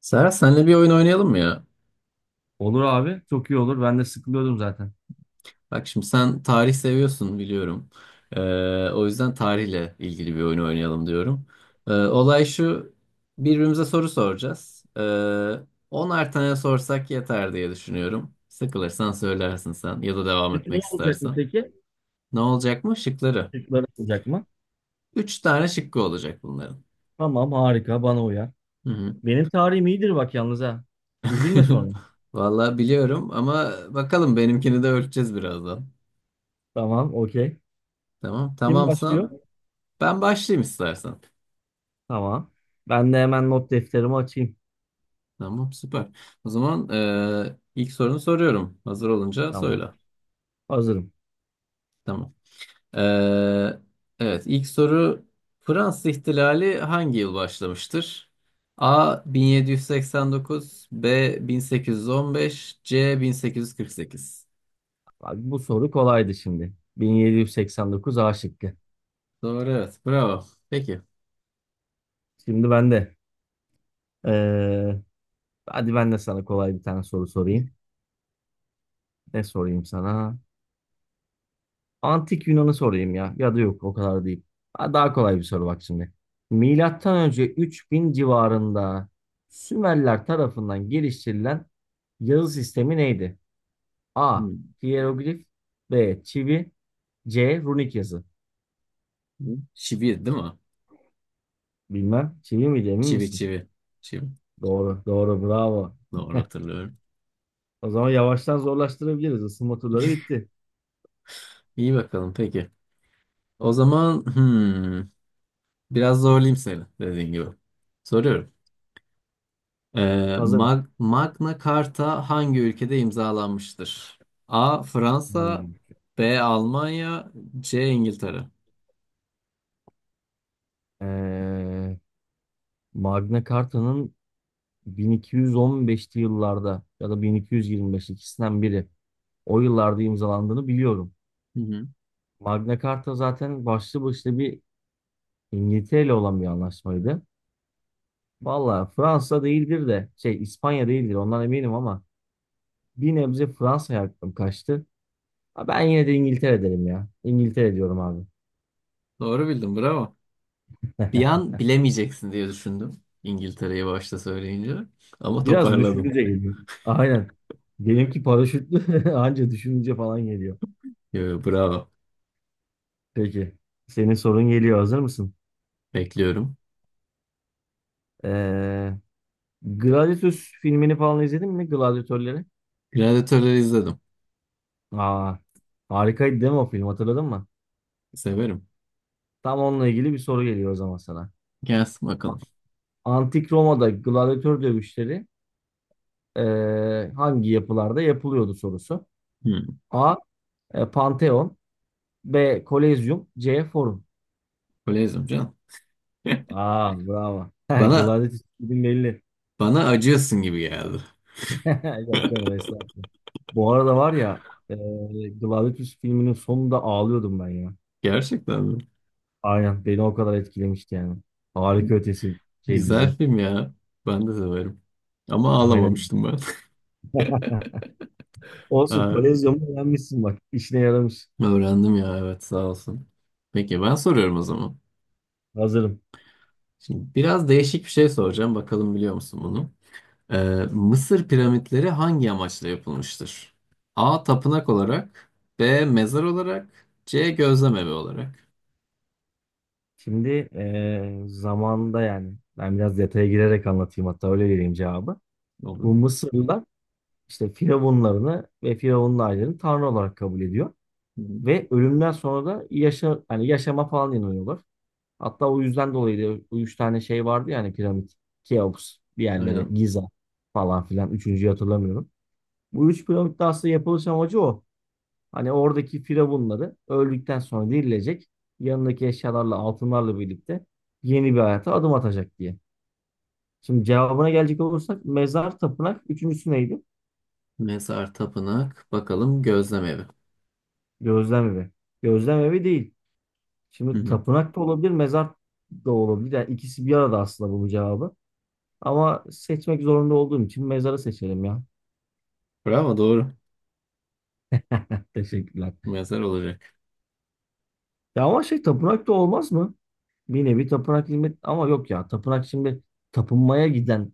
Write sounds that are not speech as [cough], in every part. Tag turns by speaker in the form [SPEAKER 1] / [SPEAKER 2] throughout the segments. [SPEAKER 1] Serhat, senle bir oyun oynayalım mı ya?
[SPEAKER 2] Olur abi. Çok iyi olur. Ben de sıkılıyordum zaten.
[SPEAKER 1] Bak şimdi, sen tarih seviyorsun biliyorum. O yüzden tarihle ilgili bir oyun oynayalım diyorum. Olay şu: birbirimize soru soracağız. 10'ar tane sorsak yeter diye düşünüyorum. Sıkılırsan söylersin, sen ya da devam
[SPEAKER 2] Peki ne
[SPEAKER 1] etmek
[SPEAKER 2] olacak mı
[SPEAKER 1] istersen.
[SPEAKER 2] peki?
[SPEAKER 1] Ne olacak mı? Şıkları.
[SPEAKER 2] Çocuklar olacak mı?
[SPEAKER 1] 3 tane şıkkı olacak bunların.
[SPEAKER 2] Tamam, harika, bana uyar.
[SPEAKER 1] Hı hı.
[SPEAKER 2] Benim tarihim iyidir bak yalnız ha. Üzülme sonra.
[SPEAKER 1] [laughs] Vallahi biliyorum ama bakalım, benimkini de ölçeceğiz birazdan.
[SPEAKER 2] Tamam, okey.
[SPEAKER 1] Tamam.
[SPEAKER 2] Kim başlıyor?
[SPEAKER 1] Tamamsan ben başlayayım istersen.
[SPEAKER 2] Tamam. Ben de hemen not defterimi açayım.
[SPEAKER 1] Tamam, süper. O zaman ilk sorunu soruyorum. Hazır olunca söyle.
[SPEAKER 2] Tamam. Hazırım.
[SPEAKER 1] Tamam. Eee, evet, ilk soru: Fransız İhtilali hangi yıl başlamıştır? A 1789, B 1815, C 1848.
[SPEAKER 2] Bak, bu soru kolaydı şimdi. 1789, A şıkkı.
[SPEAKER 1] Doğru, evet. Bravo. Peki.
[SPEAKER 2] Şimdi ben de. eee, Hadi ben de sana kolay bir tane soru sorayım. Ne sorayım sana? Antik Yunan'ı sorayım ya. Ya da yok, o kadar değil. Ha, daha kolay bir soru bak şimdi. Milattan önce 3000 civarında Sümerler tarafından geliştirilen yazı sistemi neydi? A.
[SPEAKER 1] Hmm.
[SPEAKER 2] Hiyeroglif. B. Çivi. C. Runik yazı.
[SPEAKER 1] Çivi değil mi?
[SPEAKER 2] Bilmem. Çivi miydi, emin
[SPEAKER 1] Çivi,
[SPEAKER 2] misin?
[SPEAKER 1] çivi. Çivi.
[SPEAKER 2] Doğru. Doğru. Bravo.
[SPEAKER 1] Doğru hatırlıyorum.
[SPEAKER 2] O zaman yavaştan zorlaştırabiliriz. Isınma turları bitti.
[SPEAKER 1] İyi, bakalım peki. O zaman hmm, biraz zorlayayım seni, dediğin gibi. Soruyorum.
[SPEAKER 2] Hazır.
[SPEAKER 1] Magna Carta hangi ülkede imzalanmıştır? A. Fransa
[SPEAKER 2] Hmm.
[SPEAKER 1] B. Almanya C. İngiltere
[SPEAKER 2] Ee, Magna Carta'nın 1215'li yıllarda ya da 1225, ikisinden biri o yıllarda imzalandığını biliyorum.
[SPEAKER 1] Hı hı.
[SPEAKER 2] Magna Carta zaten başlı başına bir İngiltere ile olan bir anlaşmaydı. Valla Fransa değildir de şey, İspanya değildir ondan eminim ama bir nebze Fransa'ya aklım kaçtı. Ha, ben yine de İngiltere derim ya. İngiltere diyorum abi.
[SPEAKER 1] Doğru bildin, bravo. Bir an bilemeyeceksin diye düşündüm, İngiltere'yi başta söyleyince.
[SPEAKER 2] [laughs]
[SPEAKER 1] Ama
[SPEAKER 2] Biraz
[SPEAKER 1] toparladın.
[SPEAKER 2] düşününce geliyor. Aynen. Benimki paraşütlü, [laughs] anca düşününce falan geliyor.
[SPEAKER 1] Yo, yo, bravo.
[SPEAKER 2] Peki. Senin sorun geliyor. Hazır mısın?
[SPEAKER 1] Bekliyorum.
[SPEAKER 2] Ee, Gladiator filmini falan izledin mi? Gladiatörleri.
[SPEAKER 1] Gladiatörleri izledim.
[SPEAKER 2] Aa, harikaydı değil mi o film, hatırladın mı?
[SPEAKER 1] Severim.
[SPEAKER 2] Tam onunla ilgili bir soru geliyor o zaman sana.
[SPEAKER 1] Gelsin
[SPEAKER 2] A-
[SPEAKER 1] bakalım.
[SPEAKER 2] Antik Roma'da gladyatör dövüşleri hangi yapılarda yapılıyordu sorusu.
[SPEAKER 1] Hı.
[SPEAKER 2] A. Pantheon. B. Kolezyum. C. Forum.
[SPEAKER 1] Öyle izliyorum canım. [laughs]
[SPEAKER 2] Aa, bravo. [laughs]
[SPEAKER 1] Bana,
[SPEAKER 2] Gladyatör film belli.
[SPEAKER 1] bana acıyorsun gibi geldi.
[SPEAKER 2] [laughs] Yok canım, estağfurullah. Bu arada var ya, Gladiator filminin sonunda ağlıyordum ben ya.
[SPEAKER 1] Gerçekten mi?
[SPEAKER 2] Aynen, beni o kadar etkilemişti yani. Harika ötesi şey
[SPEAKER 1] Güzel
[SPEAKER 2] dizi.
[SPEAKER 1] film ya. Ben de severim. Ama
[SPEAKER 2] Aynen.
[SPEAKER 1] ağlamamıştım ben. [laughs]
[SPEAKER 2] Olsun,
[SPEAKER 1] Aa,
[SPEAKER 2] kolezyonu beğenmişsin bak. İşine yaramış.
[SPEAKER 1] öğrendim ya, evet, sağ olsun. Peki, ben soruyorum o zaman.
[SPEAKER 2] Hazırım.
[SPEAKER 1] Şimdi biraz değişik bir şey soracağım. Bakalım biliyor musun bunu? Ee, Mısır piramitleri hangi amaçla yapılmıştır? A. Tapınak olarak. B. Mezar olarak. C. Gözlem evi olarak.
[SPEAKER 2] Şimdi zamanında, yani ben biraz detaya girerek anlatayım, hatta öyle vereyim cevabı.
[SPEAKER 1] Olur.
[SPEAKER 2] Bu Mısırlılar işte firavunlarını ve firavunlu ailelerini tanrı olarak kabul ediyor.
[SPEAKER 1] Hı hı.
[SPEAKER 2] Ve ölümden sonra da yaşa, hani yaşama falan inanıyorlar. Hatta o yüzden dolayı da o üç tane şey vardı ya, hani piramit, Keops, diğerleri,
[SPEAKER 1] Aynen.
[SPEAKER 2] Giza falan filan. Üçüncüyü hatırlamıyorum. Bu üç piramitte aslında yapılış amacı o. Hani oradaki firavunları öldükten sonra dirilecek. Yanındaki eşyalarla, altınlarla birlikte yeni bir hayata adım atacak diye. Şimdi cevabına gelecek olursak mezar, tapınak. Üçüncüsü neydi?
[SPEAKER 1] Mezar, tapınak. Bakalım, gözlem evi.
[SPEAKER 2] Gözlem evi. Gözlem evi değil.
[SPEAKER 1] Hı
[SPEAKER 2] Şimdi
[SPEAKER 1] hı.
[SPEAKER 2] tapınak da olabilir, mezar da olabilir. Yani ikisi bir arada aslında bu cevabı. Ama seçmek zorunda olduğum için mezarı seçelim ya.
[SPEAKER 1] Bravo, doğru.
[SPEAKER 2] [laughs] Teşekkürler.
[SPEAKER 1] Mezar olacak.
[SPEAKER 2] Ya ama şey, tapınak da olmaz mı? Bir nevi tapınak hizmet ama yok ya, tapınak şimdi tapınmaya giden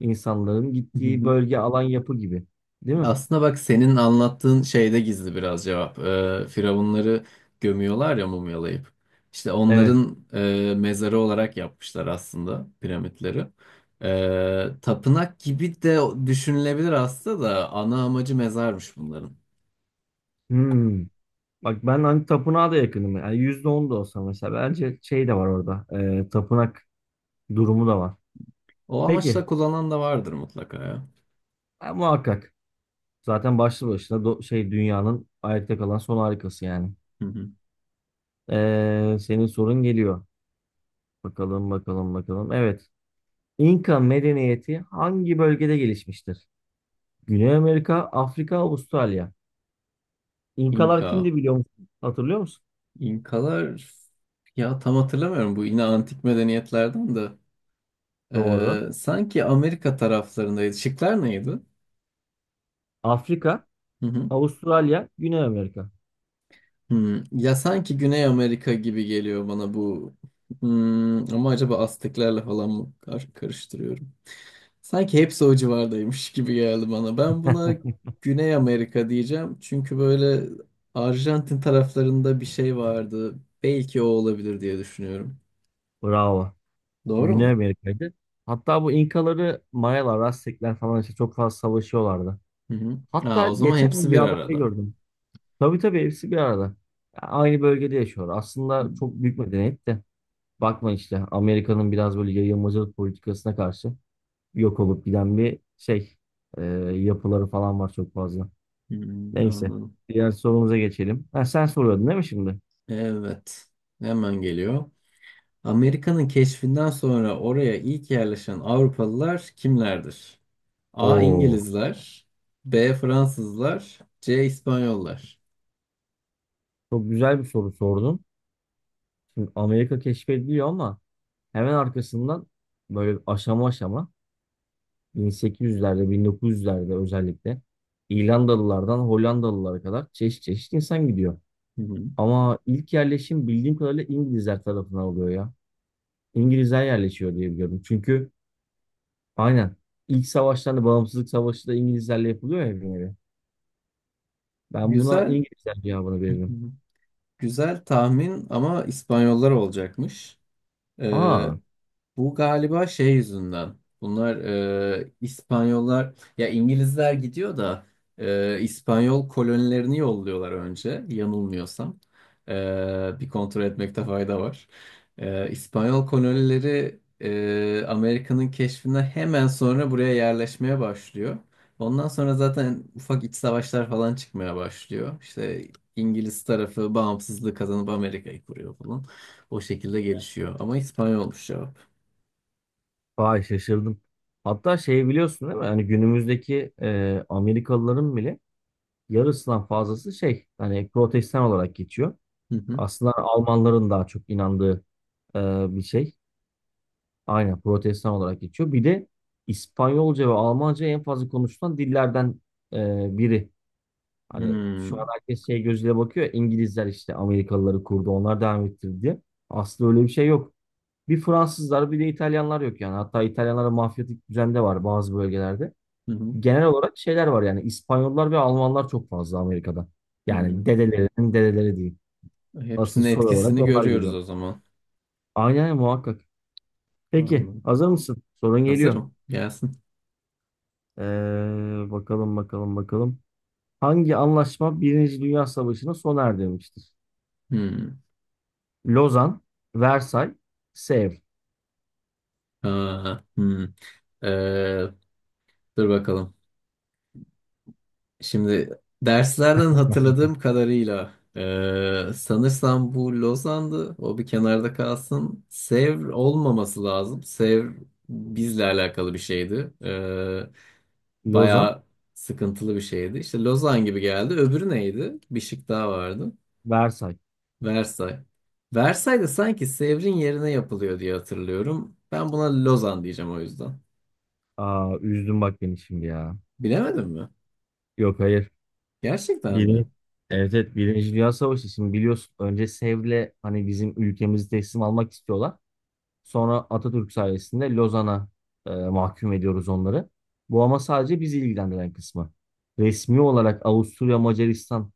[SPEAKER 2] insanların gittiği
[SPEAKER 1] [laughs]
[SPEAKER 2] bölge, alan, yapı gibi. Değil mi?
[SPEAKER 1] Aslında bak, senin anlattığın şeyde gizli biraz cevap. Firavunları gömüyorlar ya, mumyalayıp. İşte
[SPEAKER 2] Evet.
[SPEAKER 1] onların mezarı olarak yapmışlar aslında piramitleri. Tapınak gibi de düşünülebilir aslında da ana amacı mezarmış bunların.
[SPEAKER 2] Hmm. Bak ben hani tapınağa da yakınım. Yani %10 da olsa mesela, bence şey de var orada. Tapınak durumu da var.
[SPEAKER 1] O amaçla
[SPEAKER 2] Peki.
[SPEAKER 1] kullanan da vardır mutlaka ya.
[SPEAKER 2] Ha, muhakkak. Zaten başlı başına şey, dünyanın ayakta kalan son harikası yani.
[SPEAKER 1] Hı hı.
[SPEAKER 2] Senin sorun geliyor. Bakalım, bakalım, bakalım. Evet. İnka medeniyeti hangi bölgede gelişmiştir? Güney Amerika, Afrika, Avustralya. İnkalar
[SPEAKER 1] İnka.
[SPEAKER 2] kimdi, biliyor musun? Hatırlıyor musun?
[SPEAKER 1] İnkalar ya, tam hatırlamıyorum bu, yine antik medeniyetlerden de.
[SPEAKER 2] Doğru.
[SPEAKER 1] Sanki Amerika taraflarındaydı. Şıklar neydi?
[SPEAKER 2] Afrika,
[SPEAKER 1] Hı hı.
[SPEAKER 2] Avustralya, Güney Amerika.
[SPEAKER 1] Hmm, ya sanki Güney Amerika gibi geliyor bana bu. Hmm, ama acaba Azteklerle falan mı karıştırıyorum? Sanki hepsi o civardaymış gibi geldi bana. Ben buna Güney Amerika diyeceğim. Çünkü böyle Arjantin taraflarında bir şey vardı. Belki o olabilir diye düşünüyorum.
[SPEAKER 2] Bravo.
[SPEAKER 1] Doğru
[SPEAKER 2] Güney
[SPEAKER 1] mu?
[SPEAKER 2] Amerika'ydı. Hatta bu İnkaları, Mayalar, Aztekler falan işte çok fazla savaşıyorlardı.
[SPEAKER 1] Hı hı.
[SPEAKER 2] Hatta
[SPEAKER 1] Aa, o zaman
[SPEAKER 2] geçen
[SPEAKER 1] hepsi
[SPEAKER 2] bir
[SPEAKER 1] bir
[SPEAKER 2] haberde
[SPEAKER 1] arada.
[SPEAKER 2] gördüm. Tabii, tabii, hepsi bir arada. Ya, aynı bölgede yaşıyor. Aslında çok büyük medeniyet de. Bakma, işte Amerika'nın biraz böyle yayılmacılık politikasına karşı yok olup giden bir şey. e, Yapıları falan var çok fazla.
[SPEAKER 1] Hmm,
[SPEAKER 2] Neyse.
[SPEAKER 1] anladım.
[SPEAKER 2] Diğer sorumuza geçelim. Ha, sen soruyordun değil mi şimdi?
[SPEAKER 1] Evet. Hemen geliyor. Amerika'nın keşfinden sonra oraya ilk yerleşen Avrupalılar kimlerdir? A.
[SPEAKER 2] Oo,
[SPEAKER 1] İngilizler, B. Fransızlar, C. İspanyollar.
[SPEAKER 2] çok güzel bir soru sordun. Şimdi Amerika keşfediliyor ama hemen arkasından böyle aşama aşama 1800'lerde, 1900'lerde özellikle İrlandalılardan Hollandalılara kadar çeşit çeşit insan gidiyor.
[SPEAKER 1] Hı hı.
[SPEAKER 2] Ama ilk yerleşim bildiğim kadarıyla İngilizler tarafından oluyor ya. İngilizler yerleşiyor diye biliyorum. Çünkü aynen ilk savaşlarda Bağımsızlık Savaşı da İngilizlerle yapılıyor ya bir nevi. Ben buna
[SPEAKER 1] Güzel,
[SPEAKER 2] İngilizler cevabını
[SPEAKER 1] hı
[SPEAKER 2] veririm.
[SPEAKER 1] hı, güzel tahmin ama İspanyollar olacakmış. Ee,
[SPEAKER 2] Aa,
[SPEAKER 1] bu galiba şey yüzünden. Bunlar İspanyollar ya, İngilizler gidiyor da İspanyol kolonilerini yolluyorlar önce, yanılmıyorsam. E, bir kontrol etmekte fayda var. İspanyol kolonileri Amerika'nın keşfinden hemen sonra buraya yerleşmeye başlıyor. Ondan sonra zaten ufak iç savaşlar falan çıkmaya başlıyor. İşte İngiliz tarafı bağımsızlığı kazanıp Amerika'yı kuruyor falan. O şekilde gelişiyor. Ama İspanyolmuş ya.
[SPEAKER 2] vay şaşırdım. Hatta şey, biliyorsun değil mi? Hani günümüzdeki Amerikalıların bile yarısından fazlası şey, hani protestan olarak geçiyor.
[SPEAKER 1] Hı hı.
[SPEAKER 2] Aslında Almanların daha çok inandığı e, bir şey. Aynen, protestan olarak geçiyor. Bir de İspanyolca ve Almanca en fazla konuşulan dillerden biri. Hani şu an
[SPEAKER 1] Hmm.
[SPEAKER 2] herkes şey gözüyle bakıyor. İngilizler işte Amerikalıları kurdu, onlar devam ettirdi diye. Aslında öyle bir şey yok. Bir Fransızlar, bir de İtalyanlar yok yani. Hatta İtalyanlara mafyatik düzen de var bazı bölgelerde.
[SPEAKER 1] Hı hı.
[SPEAKER 2] Genel olarak şeyler var yani, İspanyollar ve Almanlar çok fazla Amerika'da. Yani
[SPEAKER 1] Hmm.
[SPEAKER 2] dedelerinin dedeleri diyeyim. Asıl
[SPEAKER 1] Hepsinin
[SPEAKER 2] soru olarak
[SPEAKER 1] etkisini
[SPEAKER 2] onlar
[SPEAKER 1] görüyoruz
[SPEAKER 2] geliyor.
[SPEAKER 1] o zaman.
[SPEAKER 2] Aynen, muhakkak. Peki,
[SPEAKER 1] Anladım.
[SPEAKER 2] hazır mısın? Sorun geliyor.
[SPEAKER 1] Hazırım. Gelsin.
[SPEAKER 2] Bakalım, bakalım, bakalım. Hangi anlaşma Birinci Dünya Savaşı'nı sona erdirmiştir?
[SPEAKER 1] Hmm.
[SPEAKER 2] Lozan, Versay, Sevr.
[SPEAKER 1] Aa, hmm. Ee, dur bakalım. Şimdi derslerden
[SPEAKER 2] [laughs]
[SPEAKER 1] hatırladığım kadarıyla sanırsam bu Lozan'dı. O bir kenarda kalsın. Sevr olmaması lazım. Sevr bizle alakalı bir şeydi.
[SPEAKER 2] Lozan,
[SPEAKER 1] Bayağı sıkıntılı bir şeydi. İşte Lozan gibi geldi. Öbürü neydi? Bir şık daha vardı.
[SPEAKER 2] Versay.
[SPEAKER 1] Versay. Versay da sanki Sevr'in yerine yapılıyor diye hatırlıyorum. Ben buna Lozan diyeceğim o yüzden.
[SPEAKER 2] Aa, üzdün bak beni şimdi ya.
[SPEAKER 1] Bilemedim mi?
[SPEAKER 2] Yok, hayır.
[SPEAKER 1] Gerçekten mi?
[SPEAKER 2] Birinci, evet, evet, Birinci Dünya Savaşı, şimdi biliyorsun önce Sevr'le hani bizim ülkemizi teslim almak istiyorlar. Sonra Atatürk sayesinde Lozan'a mahkum ediyoruz onları. Bu ama sadece bizi ilgilendiren kısmı. Resmi olarak Avusturya, Macaristan,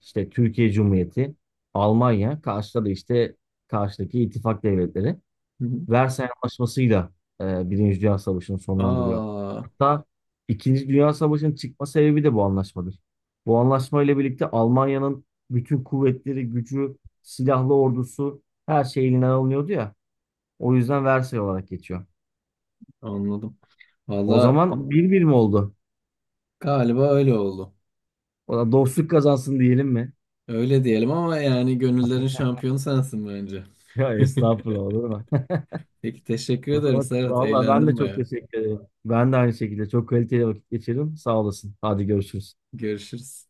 [SPEAKER 2] işte Türkiye Cumhuriyeti, Almanya, karşıda da işte karşıdaki ittifak devletleri.
[SPEAKER 1] Hı hı.
[SPEAKER 2] Versay Anlaşması'yla Birinci Dünya Savaşı'nı sonlandırıyor.
[SPEAKER 1] Aa,
[SPEAKER 2] Hatta İkinci Dünya Savaşı'nın çıkma sebebi de bu anlaşmadır. Bu anlaşma ile birlikte Almanya'nın bütün kuvvetleri, gücü, silahlı ordusu, her şey elinden alınıyordu ya. O yüzden Versay olarak geçiyor.
[SPEAKER 1] anladım.
[SPEAKER 2] O
[SPEAKER 1] Valla
[SPEAKER 2] zaman 1-1 mi oldu?
[SPEAKER 1] galiba öyle oldu.
[SPEAKER 2] O da dostluk kazansın diyelim mi?
[SPEAKER 1] Öyle diyelim ama yani gönüllerin şampiyonu sensin bence.
[SPEAKER 2] Ya
[SPEAKER 1] [laughs]
[SPEAKER 2] estağfurullah, olur mu? [laughs]
[SPEAKER 1] Peki, teşekkür
[SPEAKER 2] O
[SPEAKER 1] ederim
[SPEAKER 2] zaman
[SPEAKER 1] Serhat.
[SPEAKER 2] vallahi ben de
[SPEAKER 1] Eğlendim
[SPEAKER 2] çok
[SPEAKER 1] bayağı.
[SPEAKER 2] teşekkür ederim. Ben de aynı şekilde çok kaliteli vakit geçirdim. Sağ olasın. Hadi görüşürüz.
[SPEAKER 1] Görüşürüz.